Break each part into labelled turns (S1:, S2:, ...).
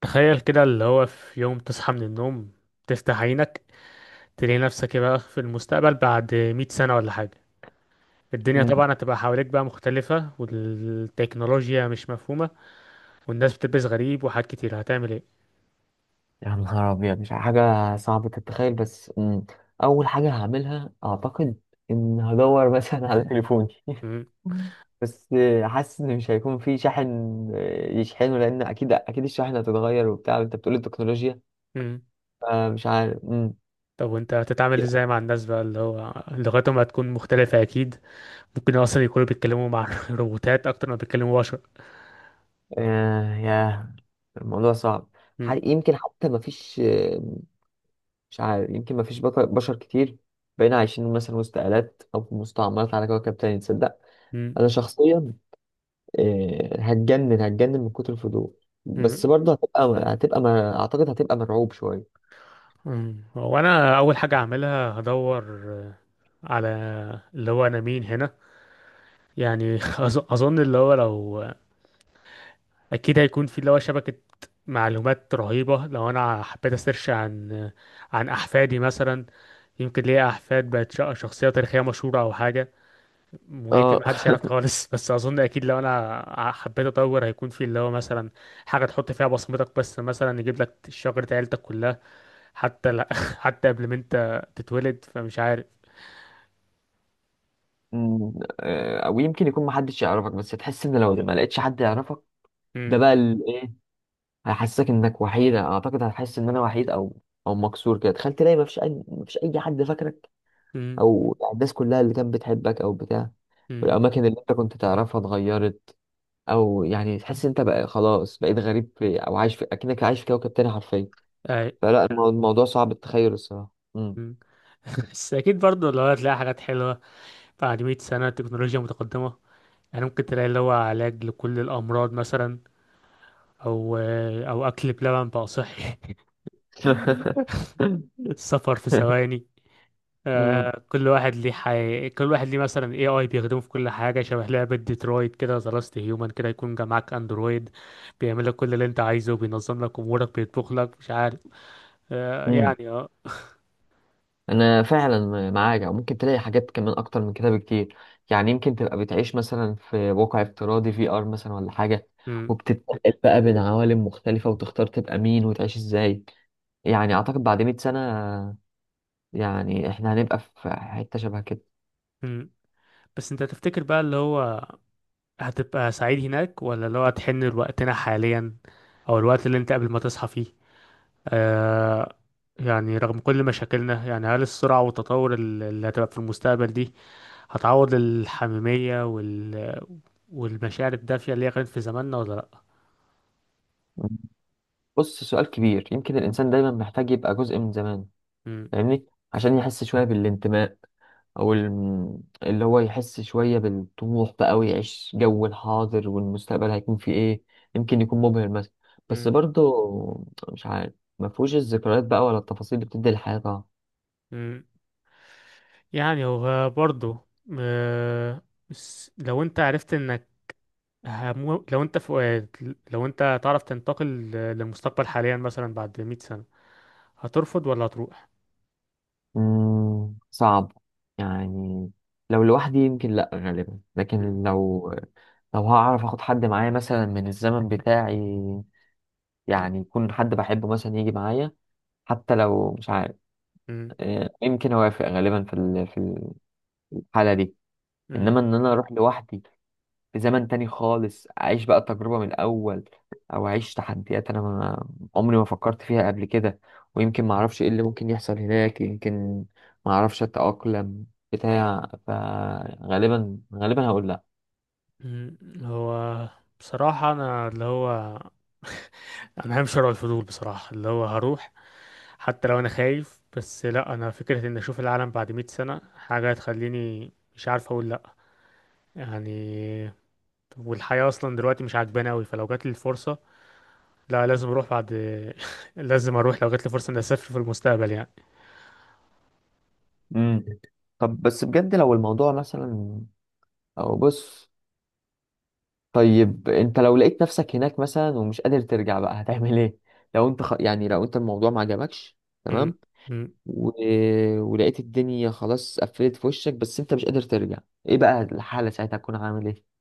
S1: تخيل كده اللي هو في يوم تصحى من النوم، تفتح عينك، تلاقي نفسك بقى في المستقبل بعد مئة سنة ولا حاجة. الدنيا
S2: مم.
S1: طبعا هتبقى حواليك بقى مختلفة، والتكنولوجيا مش مفهومة، والناس بتلبس غريب وحاجات كتير. هتعمل ايه؟
S2: يا نهار أبيض، مش حاجة صعبة تتخيل. بس أول حاجة هعملها، أعتقد إن هدور مثلا على تليفوني.
S1: مم.
S2: بس حاسس إن مش هيكون في شاحن. يشحنه، لأن أكيد أكيد الشاحن هتتغير وبتاع، وأنت بتقول التكنولوجيا.
S1: مم.
S2: فمش عارف.
S1: طب وانت هتتعامل ازاي مع الناس بقى اللي هو لغتهم هتكون مختلفة أكيد؟ ممكن أصلا يكونوا بيتكلموا مع روبوتات أكتر ما بيتكلموا بشر.
S2: آه، ياه، الموضوع صعب.
S1: مم.
S2: يمكن حتى ما فيش. مش عارف، يمكن ما فيش بشر كتير. بقينا عايشين مثلا وسط آلات أو في مستعمرات على كوكب تاني، تصدق؟
S1: مم.
S2: أنا شخصيا هتجنن هتجنن من كتر الفضول. بس
S1: مم.
S2: برضه هتبقى، ما اعتقد هتبقى مرعوب شويه.
S1: مم. وأنا أول حاجة هعملها هدور على اللي هو أنا مين هنا. يعني اظن اللي هو لو، اكيد هيكون في اللي هو شبكة معلومات رهيبة. لو انا حبيت اسيرش عن عن احفادي مثلا، يمكن ليا احفاد بقت شخصية تاريخية مشهورة او حاجة، ويمكن
S2: اه.
S1: محدش يعرف خالص. بس اظن اكيد لو انا حبيت اطور هيكون في اللي هو مثلا حاجة تحط فيها بصمتك، بس مثلا يجيب لك شجرة عيلتك كلها، حتى لا، حتى قبل ما انت تتولد، فمش عارف.
S2: أمم، او يمكن يكون محدش يعرفك، بس تحس ان لو ما لقيتش حد يعرفك،
S1: امم.
S2: ده بقى ايه، هيحسسك انك وحيد، اعتقد هتحس ان انا وحيد، او مكسور كده. تخيل تلاقي ما فيش اي حد فاكرك،
S1: امم.
S2: او الناس كلها اللي كانت بتحبك او بتاع،
S1: امم.
S2: والاماكن اللي انت كنت تعرفها اتغيرت، او يعني تحس انت بقى خلاص بقيت غريب في، او عايش في، اكنك عايش في كوكب تاني حرفيا.
S1: اي.
S2: فلا، الموضوع صعب التخيل الصراحة.
S1: مم. بس اكيد برضه لو هتلاقي حاجات حلوة بعد 100 سنة، تكنولوجيا متقدمة. يعني ممكن تلاقي اللي هو علاج لكل الأمراض مثلا، أو أو أكل بلبن بقى صحي. السفر في ثواني.
S2: مم.
S1: آه، كل واحد ليه كل واحد ليه مثلا اي اي بيخدمه في كل حاجه، شبه لعبه ديترويت كده، ذا لاست هيومن كده، يكون جا معاك اندرويد بيعمل لك كل اللي انت عايزه، بينظم لك امورك، بيطبخ لك، مش عارف آه
S2: مم.
S1: يعني اه.
S2: انا فعلا معاك، او ممكن تلاقي حاجات كمان اكتر من كده بكتير. يعني يمكن تبقى بتعيش مثلا في واقع افتراضي، في ار مثلا ولا حاجة،
S1: مم.
S2: وبتتنقل بقى بين عوالم مختلفة، وتختار تبقى مين وتعيش ازاي. يعني اعتقد بعد 100 سنة، يعني احنا هنبقى في حتة شبه كده.
S1: مم. بس انت تفتكر بقى اللي هو هتبقى سعيد هناك، ولا لو هتحن لوقتنا حاليا، او الوقت اللي انت قبل ما تصحى فيه؟ آه، يعني رغم كل مشاكلنا، يعني هل السرعة والتطور اللي هتبقى في المستقبل دي هتعوض الحميمية والمشاعر الدافية اللي هي كانت في زماننا ولا لأ؟
S2: بص، سؤال كبير. يمكن الانسان دايما محتاج يبقى جزء من زمان،
S1: مم.
S2: فاهمني، عشان يحس شوية بالانتماء، او اللي هو يحس شوية بالطموح بقى، ويعيش جو الحاضر، والمستقبل هيكون فيه ايه. يمكن يكون مبهر مثلا، بس
S1: مم.
S2: برضه مش عارف، ما فيهوش الذكريات بقى ولا التفاصيل اللي بتدي الحياة طبعا.
S1: مم. يعني هو برضه آه. بس لو انت عرفت انك لو انت في، لو انت تعرف تنتقل للمستقبل حاليا مثلا بعد 100 سنة، هترفض ولا هتروح؟
S2: مم، صعب. يعني لو لوحدي يمكن لا غالبا، لكن لو هعرف اخد حد معايا مثلا من الزمن بتاعي، يعني يكون حد بحبه مثلا يجي معايا، حتى لو مش عارف.
S1: مم.
S2: آه، يمكن اوافق غالبا في الحالة دي.
S1: مم.
S2: انما ان انا اروح لوحدي في زمن تاني خالص، اعيش بقى التجربه من الاول، او اعيش تحديات انا ما عمري ما فكرت فيها قبل كده، ويمكن ما اعرفش ايه اللي ممكن يحصل هناك، يمكن ما اعرفش اتاقلم بتاع. فغالبا غالبا هقول لا.
S1: مم. هو بصراحة أنا اللي هو، أنا بحب شراء الفضول بصراحة. اللي هو هروح حتى لو أنا خايف. بس لأ، أنا فكرة إن أشوف العالم بعد مئة سنة حاجة هتخليني مش عارف أقول لأ، يعني. والحياة أصلا دلوقتي مش عاجباني أوي، فلو جاتلي الفرصة لا، لازم أروح. بعد لازم أروح لو جاتلي فرصة إني أسافر في المستقبل، يعني.
S2: امم طب بس بجد لو الموضوع مثلا، او بص، طيب انت لو لقيت نفسك هناك مثلا ومش قادر ترجع بقى، هتعمل ايه؟ يعني لو انت الموضوع ما عجبكش، تمام،
S1: مم.
S2: و... ولقيت الدنيا خلاص قفلت في وشك بس انت مش قادر ترجع، ايه بقى الحالة ساعتها؟ هتكون عامل ايه؟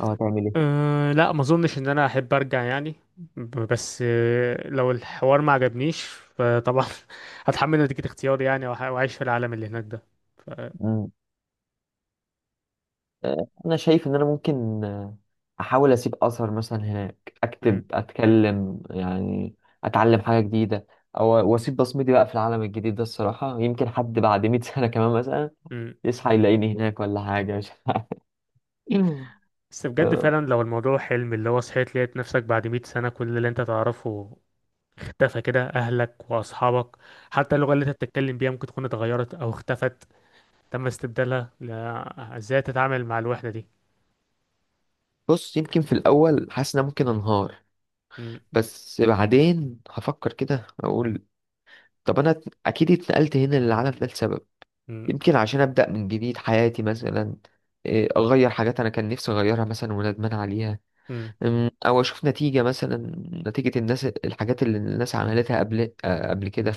S2: او هتعمل ايه؟
S1: أه لا، ما اظنش ان انا احب ارجع، يعني. بس آه، لو الحوار ما عجبنيش فطبعا هتحمل نتيجة اختياري، يعني، واعيش في العالم اللي هناك ده. ف...
S2: مم. انا شايف ان انا ممكن احاول اسيب اثر مثلا هناك،
S1: م-
S2: اكتب، اتكلم يعني، اتعلم حاجة جديدة، او واسيب بصمتي بقى في العالم الجديد ده الصراحة. يمكن حد بعد 100 سنة كمان مثلا
S1: م.
S2: يصحى يلاقيني هناك ولا حاجة، مش عارف.
S1: بس بجد
S2: آه،
S1: فعلا لو الموضوع حلم، اللي هو صحيت لقيت نفسك بعد 100 سنة، كل اللي انت تعرفه اختفى كده، اهلك واصحابك، حتى اللغة اللي انت بتتكلم بيها ممكن تكون اتغيرت او اختفت، تم استبدالها، لا، ازاي تتعامل مع الوحدة دي؟
S2: بص، يمكن في الاول حاسس ان انا ممكن انهار،
S1: م-
S2: بس بعدين هفكر كده، اقول طب انا اكيد اتنقلت هنا للعالم ده لسبب،
S1: م-
S2: يمكن عشان ابدا من جديد حياتي مثلا، اغير حاجات انا كان نفسي اغيرها مثلا وندمان عليها.
S1: م-
S2: او اشوف نتيجه مثلا، نتيجه الناس، الحاجات اللي الناس عملتها قبل، قبل كده.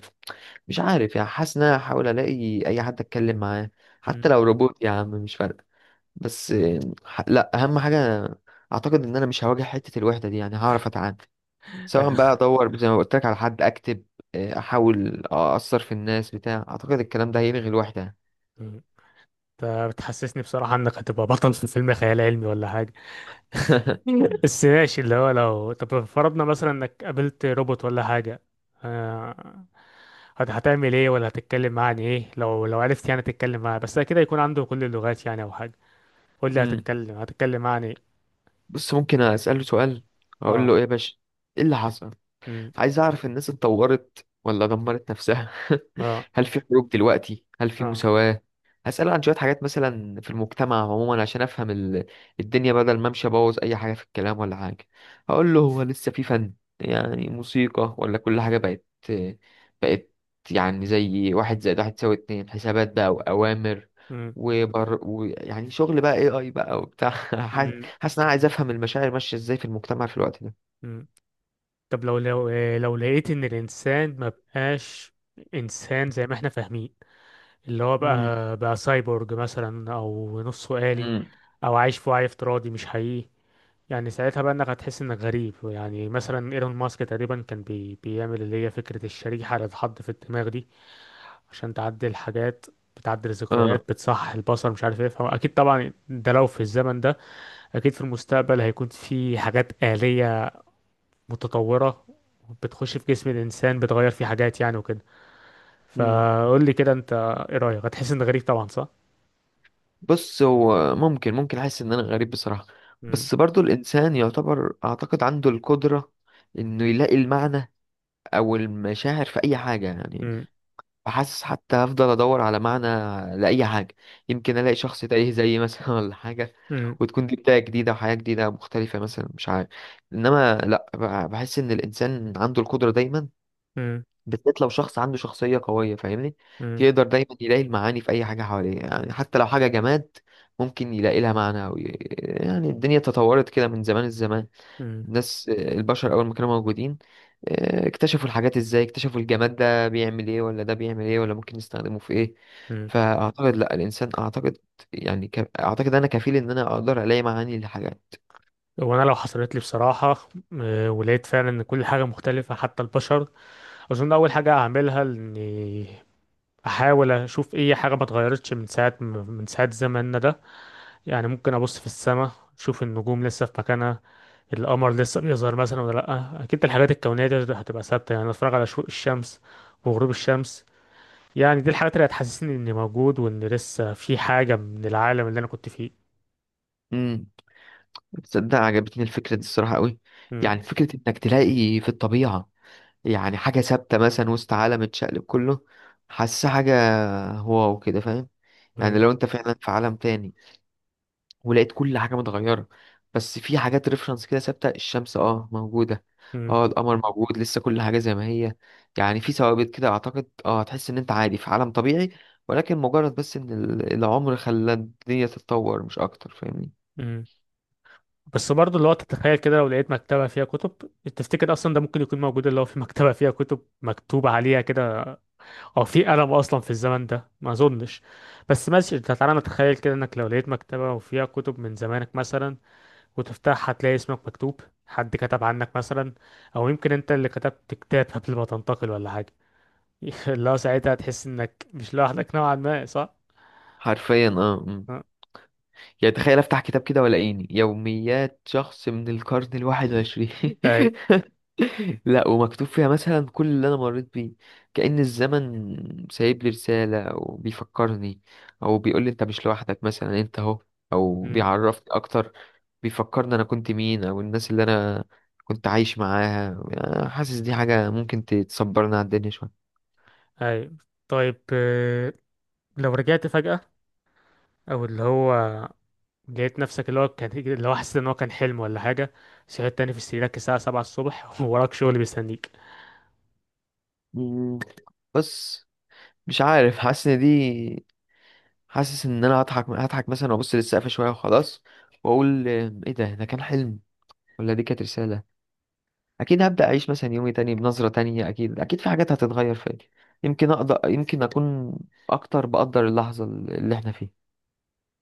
S2: مش عارف يعني، حاسس ان انا هحاول الاقي اي حد اتكلم معاه، حتى
S1: م.
S2: لو روبوت يا عم، مش فارقه. بس لا، اهم حاجه، اعتقد ان انا مش هواجه حته الوحده دي، يعني هعرف اتعامل، سواء بقى ادور زي ما قلت لك على حد، اكتب، احاول اثر في الناس بتاع، اعتقد الكلام ده هيلغي الوحده.
S1: فبتحسسني بصراحة انك هتبقى بطل في فيلم خيال علمي ولا حاجة. بس ماشي، اللي هو لو طب فرضنا مثلا انك قابلت روبوت ولا حاجة، آه، هتعمل ايه، ولا هتتكلم معاه عن ايه؟ لو لو عرفت يعني تتكلم معاه، بس كده يكون عنده كل اللغات يعني او حاجة، قول لي
S2: مم.
S1: هتتكلم معاه عن ايه؟
S2: بص، ممكن اساله سؤال، اقول
S1: اه.
S2: له ايه يا باشا، ايه اللي حصل؟
S1: امم.
S2: عايز اعرف الناس اتطورت ولا دمرت نفسها.
S1: اه.
S2: هل في حروب دلوقتي؟ هل في
S1: اه.
S2: مساواة؟ هسأل عن شوية حاجات مثلا في المجتمع عموما، عشان افهم الدنيا، بدل ما امشي ابوظ اي حاجة في الكلام ولا حاجة. هقول له: هو لسه في فن؟ يعني موسيقى؟ ولا كل حاجة بقت يعني زي 1+1=2، حسابات بقى وأوامر،
S1: امم.
S2: وبر ويعني شغل بقى، اي بقى وبتاع.
S1: امم.
S2: حاسس ان انا عايز افهم المشاعر ماشية ازاي في المجتمع في الوقت ده.
S1: أمم. طب لو آه، لو لقيت ان الانسان ما بقاش انسان زي ما احنا فاهمين، اللي هو
S2: مم.
S1: بقى سايبورج مثلا او نصه آلي،
S2: مم.
S1: او عايش في وعي افتراضي مش حقيقي، يعني ساعتها بقى انك هتحس انك غريب. يعني مثلا ايلون ماسك تقريبا كان بيعمل اللي هي فكرة الشريحة اللي اتحط في الدماغ دي، عشان تعدل حاجات، بتعدل ذكريات،
S2: اه.
S1: بتصحح البصر، مش عارف ايه. فاكيد طبعا ده لو في الزمن ده، اكيد في المستقبل هيكون في حاجات آلية متطورة بتخش في جسم الانسان، بتغير فيه حاجات يعني وكده.
S2: مم.
S1: فقول لي كده انت، ايه رأيك؟ هتحس انك غريب طبعا صح؟
S2: بص، هو ممكن احس ان انا غريب بصراحة،
S1: مم.
S2: بس برضو الانسان يعتبر اعتقد عنده القدرة انه يلاقي المعنى او المشاعر في اي حاجة يعني. بحاسس حتى هفضل ادور على معنى لاي حاجة. يمكن الاقي شخص تايه زيي مثلا، ولا حاجة،
S1: مم.
S2: وتكون دي بداية جديدة وحياة جديدة مختلفة مثلا، مش عارف. انما لا، بحس ان الانسان عنده القدرة دايما،
S1: مم.
S2: بالذات لو شخص عنده شخصية قوية، فاهمني،
S1: مم.
S2: يقدر دايما يلاقي المعاني في أي حاجة حواليه، يعني حتى لو حاجة جماد ممكن يلاقي لها معنى يعني الدنيا تطورت كده من زمان الزمان.
S1: مم.
S2: الناس، البشر أول ما كانوا موجودين، اكتشفوا الحاجات إزاي، اكتشفوا الجماد ده بيعمل إيه، ولا ده بيعمل إيه، ولا ممكن نستخدمه في إيه.
S1: مم.
S2: فأعتقد لأ، الإنسان أعتقد، أعتقد أنا كفيل إن أنا أقدر ألاقي معاني للحاجات.
S1: وانا لو حصلت لي بصراحه، آه، ولقيت فعلا ان كل حاجه مختلفه حتى البشر، اظن اول حاجه هعملها اني احاول اشوف اي حاجه ما اتغيرتش من ساعه زماننا ده. يعني ممكن ابص في السماء اشوف النجوم لسه في مكانها، القمر لسه بيظهر مثلا ولا لا، اكيد الحاجات الكونيه دي هتبقى ثابته. يعني اتفرج على شروق الشمس وغروب الشمس، يعني دي الحاجات اللي هتحسسني اني موجود، وان لسه في حاجه من العالم اللي انا كنت فيه.
S2: امم. تصدق عجبتني الفكرة دي الصراحة قوي. يعني فكرة إنك تلاقي في الطبيعة يعني حاجة ثابتة مثلا وسط عالم اتشقلب كله، حاسة حاجة، واو كده، فاهم. يعني
S1: مم.
S2: لو انت فعلا في عالم تاني، ولقيت كل حاجة متغيرة، بس في حاجات ريفرنس كده ثابتة، الشمس اه موجودة،
S1: مم.
S2: اه القمر موجود لسه، كل حاجة زي ما هي، يعني في ثوابت كده، اعتقد هتحس ان انت عادي في عالم طبيعي، ولكن مجرد بس ان العمر خلى الدنيا تتطور مش اكتر، فاهمني.
S1: مم. بس برضه اللي هو تتخيل كده لو لقيت مكتبة فيها كتب، تفتكر أصلا ده ممكن يكون موجود، اللي هو في مكتبة فيها كتب مكتوب عليها كده، أو في قلم أصلا في الزمن ده؟ ما أظنش. بس ماشي أنت، تعالى نتخيل كده إنك لو لقيت مكتبة وفيها كتب من زمانك مثلا، وتفتحها هتلاقي اسمك مكتوب، حد كتب عنك مثلا، أو يمكن أنت اللي كتبت كتاب قبل ما تنتقل ولا حاجة. اللي هو ساعتها هتحس إنك مش لوحدك نوعا ما صح؟
S2: حرفيا اه.
S1: أه.
S2: يعني تخيل افتح كتاب كده، ولا عيني يوميات شخص من القرن الواحد وعشرين،
S1: أي.
S2: لا ومكتوب فيها مثلا كل اللي انا مريت بيه، كأن الزمن سايب لي رسالة او بيفكرني، او بيقول لي انت مش لوحدك مثلا، انت اهو، او
S1: مم.
S2: بيعرفني اكتر، بيفكرني انا كنت مين او الناس اللي انا كنت عايش معاها. أنا حاسس دي حاجة ممكن تصبرنا على الدنيا شوية.
S1: أي. طيب آه، لو رجعت فجأة، او اللي هو لقيت نفسك اللي هو كان، اللي هو حسيت ان هو كان حلم ولا حاجه، صحيت تاني في سريرك الساعه 7 الصبح، ووراك شغل بيستنيك
S2: مم، بس مش عارف. حاسس ان انا هضحك هضحك مثلا، وابص للسقف شويه وخلاص، واقول ايه ده كان حلم ولا دي كانت رساله؟ اكيد هبدا اعيش مثلا يومي تاني بنظره تانية، اكيد اكيد في حاجات هتتغير فيا، يمكن اقدر، يمكن اكون اكتر بقدر اللحظه اللي احنا فيها